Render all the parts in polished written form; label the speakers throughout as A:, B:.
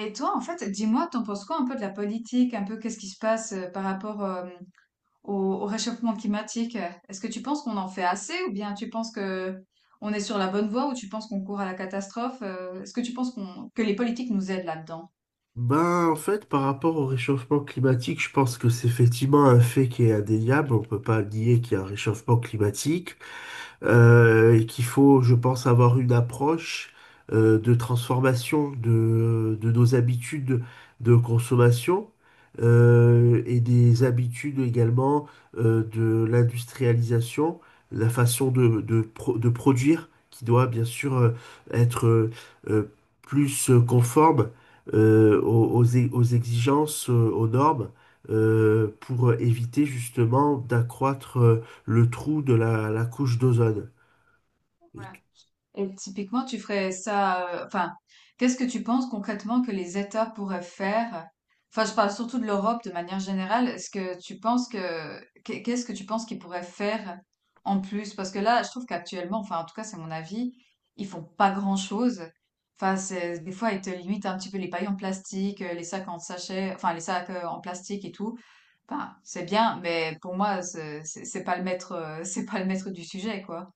A: Et toi, en fait, dis-moi, t'en penses quoi un peu de la politique, un peu qu'est-ce qui se passe par rapport au, au réchauffement climatique? Est-ce que tu penses qu'on en fait assez ou bien tu penses que on est sur la bonne voie ou tu penses qu'on court à la catastrophe? Est-ce que tu penses que les politiques nous aident là-dedans?
B: Ben, en fait, par rapport au réchauffement climatique, je pense que c'est effectivement un fait qui est indéniable. On peut pas nier qu'il y a un réchauffement climatique et qu'il faut, je pense, avoir une approche de transformation de nos habitudes de consommation et des habitudes également de l'industrialisation, la façon de produire qui doit bien sûr être euh, plus conforme aux exigences, aux normes, pour éviter justement d'accroître le trou de la couche d'ozone.
A: Ouais.
B: Et
A: Et typiquement, tu ferais ça, enfin, qu'est-ce que tu penses concrètement que les États pourraient faire? Enfin, je parle surtout de l'Europe de manière générale. Est-ce que tu penses que, qu'est-ce que tu penses qu'ils pourraient faire en plus? Parce que là, je trouve qu'actuellement, enfin, en tout cas, c'est mon avis, ils font pas grand-chose. Enfin, c'est, des fois, ils te limitent un petit peu les pailles en plastique, les sacs en sachet, enfin, les sacs en plastique et tout. Enfin, c'est bien, mais pour moi, c'est pas le maître, c'est pas le maître du sujet, quoi.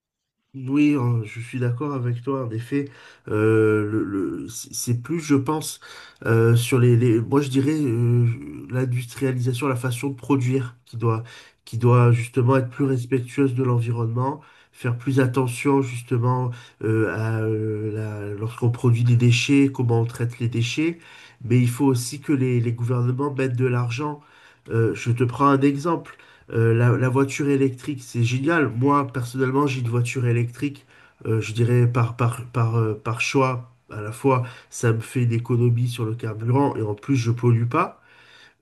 B: Oui, hein, je suis d'accord avec toi. En effet, c'est plus, je pense, sur moi je dirais l'industrialisation, la façon de produire qui doit justement être plus
A: Ouais.
B: respectueuse de l'environnement, faire plus attention justement lorsqu'on produit des déchets, comment on traite les déchets. Mais il faut aussi que les gouvernements mettent de l'argent. Je te prends un exemple. La voiture électrique, c'est génial. Moi, personnellement, j'ai une voiture électrique, je dirais par choix. À la fois, ça me fait une économie sur le carburant et en plus, je pollue pas.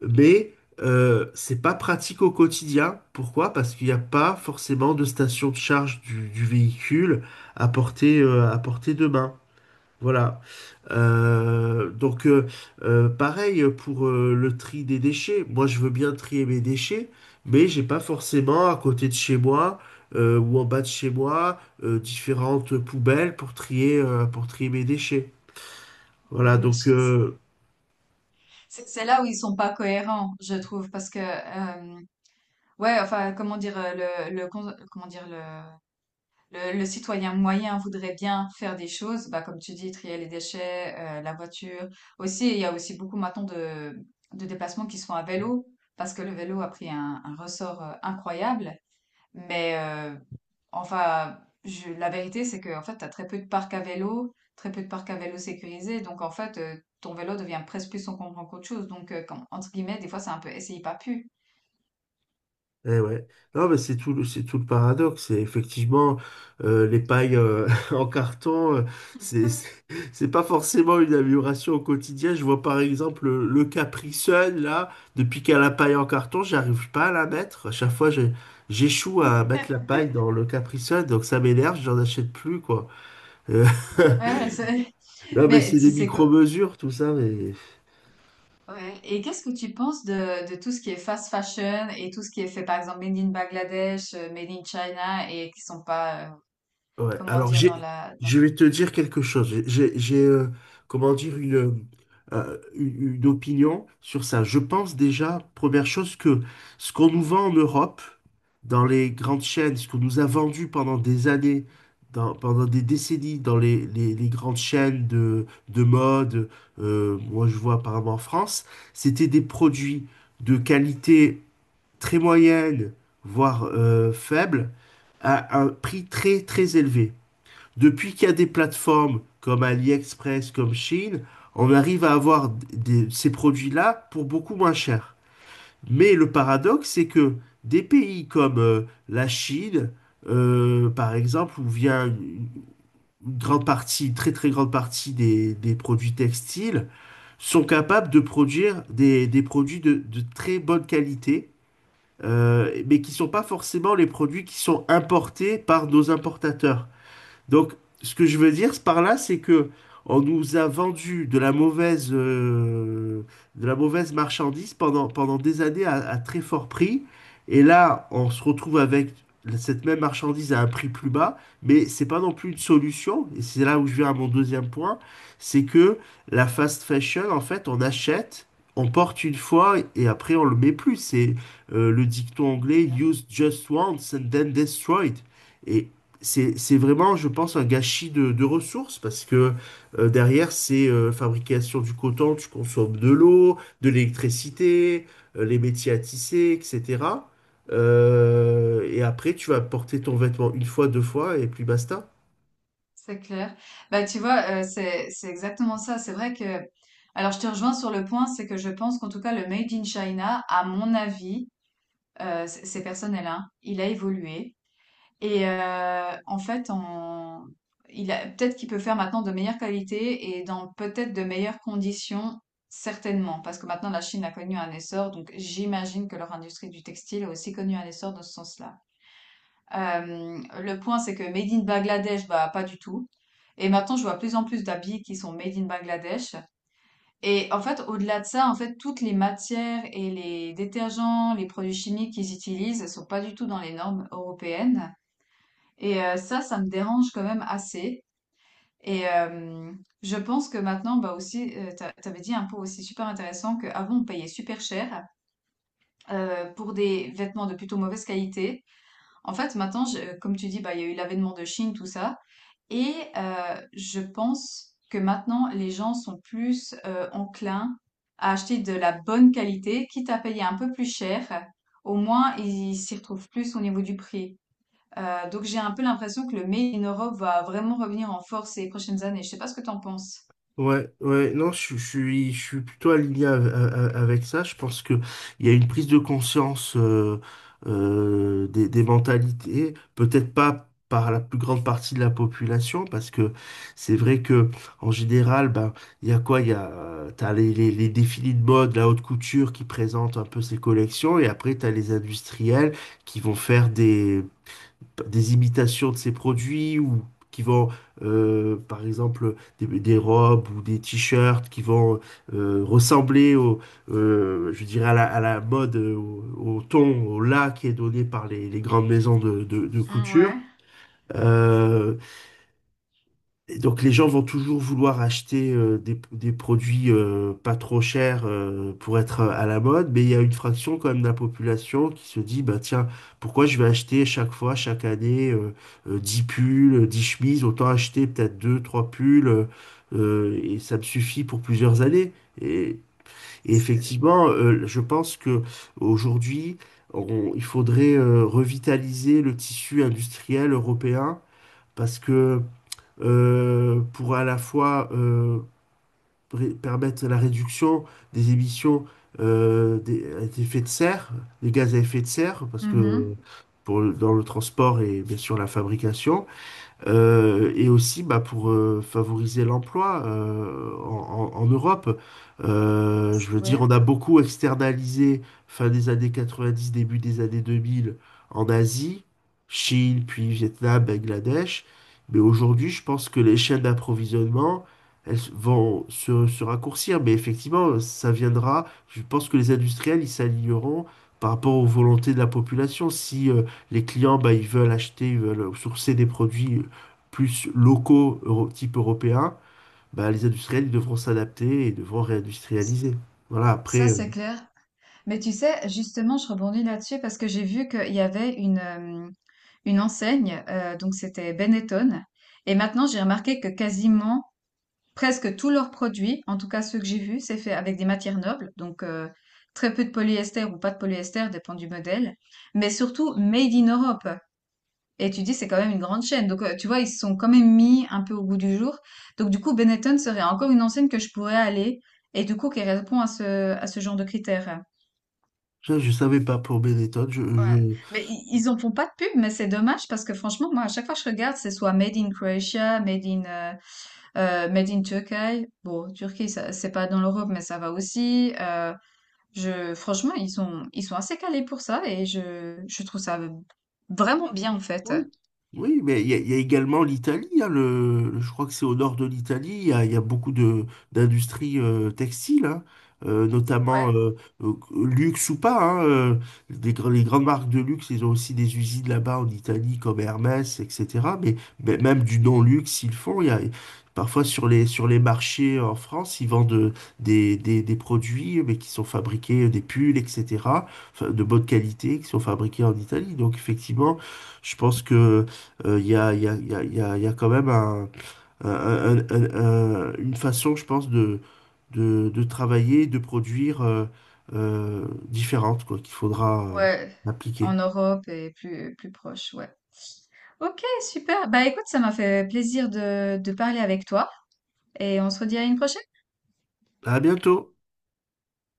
B: Mais c'est pas
A: Mm.
B: pratique au quotidien. Pourquoi? Parce qu'il n'y a pas forcément de station de charge du véhicule à portée de main. Voilà. Donc, pareil pour le tri des déchets. Moi, je veux bien trier mes déchets, mais j'ai pas forcément à côté de chez moi ou en bas de chez moi différentes poubelles pour trier mes déchets.
A: Ouais,
B: Voilà.
A: C'est là où ils sont pas cohérents, je trouve, parce que ouais, enfin, comment dire, comment dire, le citoyen moyen voudrait bien faire des choses, bah comme tu dis, trier les déchets, la voiture. Aussi, il y a aussi beaucoup maintenant de déplacements qui sont à vélo, parce que le vélo a pris un ressort incroyable. Mais enfin, la vérité, c'est que en fait, tu as très peu de parcs à vélo, très peu de parcs à vélo sécurisés. Donc, en fait, ton vélo devient presque plus encombrant qu'autre chose. Donc, entre guillemets, des fois, c'est un peu essaye pas pu.
B: Eh ouais. Non, mais c'est tout, c'est tout le paradoxe. C'est effectivement les pailles en carton, c'est c'est c'est pas forcément une amélioration au quotidien. Je vois par exemple le Capri Sun, là, depuis qu'à la paille en carton, j'arrive pas à la mettre. À chaque fois, j'échoue à mettre la paille dans le Capri Sun, donc ça m'énerve, j'en achète plus, quoi. Euh,
A: Ouais,
B: non, mais
A: mais
B: c'est
A: tu
B: des
A: sais quoi?
B: micro-mesures, tout ça, mais.
A: Ouais. Et qu'est-ce que tu penses de tout ce qui est fast fashion et tout ce qui est fait, par exemple, made in Bangladesh, made in China et qui sont pas,
B: Ouais,
A: comment
B: alors
A: dire, dans,
B: je vais te dire quelque chose. Comment dire, une opinion sur ça. Je pense déjà, première chose, que ce qu'on nous vend en Europe, dans les grandes chaînes, ce qu'on nous a vendu pendant des années, pendant des décennies, dans les grandes chaînes de mode, moi je vois apparemment en France, c'était des produits de qualité très moyenne, voire faible, à un prix très très élevé. Depuis qu'il y a des plateformes comme AliExpress, comme Shein, on arrive à avoir ces produits-là pour beaucoup moins cher. Mais le paradoxe, c'est que des pays comme la Chine, par exemple, où vient une grande partie, une très très grande partie des produits textiles, sont capables de produire des produits de très bonne qualité, mais qui ne sont pas forcément les produits qui sont importés par nos importateurs. Donc, ce que je veux dire par là, c'est que on nous a vendu de la mauvaise marchandise pendant des années à très fort prix. Et là, on se retrouve avec cette même marchandise à un prix plus bas, mais c'est pas non plus une solution. Et c'est là où je viens à mon deuxième point, c'est que la fast fashion, en fait, on achète, on porte une fois et après on le met plus. C'est le dicton
A: le
B: anglais
A: truc,
B: Use just once and then destroy it. Et c'est vraiment, je pense, un gâchis de ressources parce que derrière, c'est fabrication du coton, tu consommes de l'eau, de l'électricité, les métiers à tisser, etc. Et après, tu vas porter ton vêtement une fois, deux fois, et puis basta.
A: C'est clair. Bah, tu vois, c'est exactement ça. C'est vrai que alors je te rejoins sur le point, c'est que je pense qu'en tout cas le made in China, à mon avis, c'est personnel, hein, il a évolué et en fait en il a peut-être qu'il peut faire maintenant de meilleure qualité et dans peut-être de meilleures conditions, certainement. Parce que maintenant la Chine a connu un essor, donc j'imagine que leur industrie du textile a aussi connu un essor dans ce sens-là. Le point, c'est que made in Bangladesh, bah, pas du tout. Et maintenant, je vois plus en plus d'habits qui sont made in Bangladesh. Et en fait, au-delà de ça, en fait, toutes les matières et les détergents, les produits chimiques qu'ils utilisent sont pas du tout dans les normes européennes. Et ça, ça me dérange quand même assez. Et je pense que maintenant, bah aussi, tu avais dit un point aussi super intéressant qu'avant, on payait super cher pour des vêtements de plutôt mauvaise qualité. En fait, maintenant, comme tu dis, bah, il y a eu l'avènement de Chine, tout ça. Et je pense que maintenant, les gens sont plus enclins à acheter de la bonne qualité, quitte à payer un peu plus cher. Au moins, ils s'y retrouvent plus au niveau du prix. Donc, j'ai un peu l'impression que le made in Europe va vraiment revenir en force ces prochaines années. Je sais pas ce que t'en penses.
B: Ouais, ouais, non, je suis plutôt aligné avec ça. Je pense que il y a une prise de conscience des mentalités, peut-être pas par la plus grande partie de la population, parce que c'est vrai que en général, ben, il y a quoi? T'as les défilés de mode, la haute couture qui présente un peu ses collections, et après t'as les industriels qui vont faire des imitations de ces produits ou qui vont, par exemple, des robes ou des t-shirts qui vont ressembler je dirais à la mode, au ton, au là qui est donné par les grandes maisons de
A: Mm,
B: couture.
A: ouais.
B: Euh, et donc les gens vont toujours vouloir acheter des produits pas trop chers pour être à la mode, mais il y a une fraction quand même de la population qui se dit, bah tiens, pourquoi je vais acheter chaque fois, chaque année, 10 pulls, 10 chemises, autant acheter peut-être 2 3 pulls, et ça me suffit pour plusieurs années. Et, et effectivement, je pense que aujourd'hui, il faudrait revitaliser le tissu industriel européen parce que pour à la fois permettre la réduction des émissions des effets de serre, des gaz à effet de serre, parce que
A: Mhm.
B: dans le transport et bien sûr la fabrication. Et aussi bah, pour favoriser l'emploi en Europe. Je veux dire,
A: Ouais.
B: on a beaucoup externalisé fin des années 90, début des années 2000 en Asie, Chine, puis Vietnam, Bangladesh. Mais aujourd'hui, je pense que les chaînes d'approvisionnement, elles vont se raccourcir. Mais effectivement, ça viendra. Je pense que les industriels, ils s'aligneront par rapport aux volontés de la population. Si les clients, bah, ils veulent acheter, ils veulent sourcer des produits plus locaux, type européen, bah, les industriels ils devront s'adapter et devront réindustrialiser. Voilà,
A: Ça,
B: après,
A: c'est clair. Mais tu sais, justement, je rebondis là-dessus parce que j'ai vu qu'il y avait une enseigne, donc c'était Benetton. Et maintenant, j'ai remarqué que quasiment, presque tous leurs produits, en tout cas ceux que j'ai vus, c'est fait avec des matières nobles, donc très peu de polyester ou pas de polyester, dépend du modèle, mais surtout made in Europe. Et tu dis, c'est quand même une grande chaîne. Donc, tu vois, ils se sont quand même mis un peu au goût du jour. Donc, du coup, Benetton serait encore une enseigne que je pourrais aller et du coup, qui répond à ce genre de critères.
B: ça, je ne savais pas pour Benetton.
A: Ouais. Mais ils en font pas de pub, mais c'est dommage parce que franchement, moi, à chaque fois que je regarde, c'est soit made in Croatia, made in Turkey. Bon, Turquie, c'est pas dans l'Europe, mais ça va aussi. Franchement, ils sont assez calés pour ça et je trouve ça vraiment bien en fait.
B: Oui, oui, mais il y a également l'Italie. Hein, je crois que c'est au nord de l'Italie. Il y a beaucoup de d'industries textiles, hein, notamment
A: Ouais,
B: luxe ou pas. Hein, les grandes marques de luxe, ils ont aussi des usines là-bas en Italie, comme Hermès, etc. Mais même du non-luxe, ils le font. Parfois sur les marchés en France, ils vendent des produits mais qui sont fabriqués, des pulls, etc. enfin, de bonne qualité, qui sont fabriqués en Italie. Donc effectivement. Je pense que il y a, il y a, il y a, il y a y a quand même un- un- un- une façon, je pense, de travailler, de produire différente, quoi, qu'il faudra
A: ouais. En
B: appliquer.
A: Europe et plus, plus proche, ouais. Ok, super. Bah écoute, ça m'a fait plaisir de parler avec toi et on se redit à une prochaine.
B: À bientôt!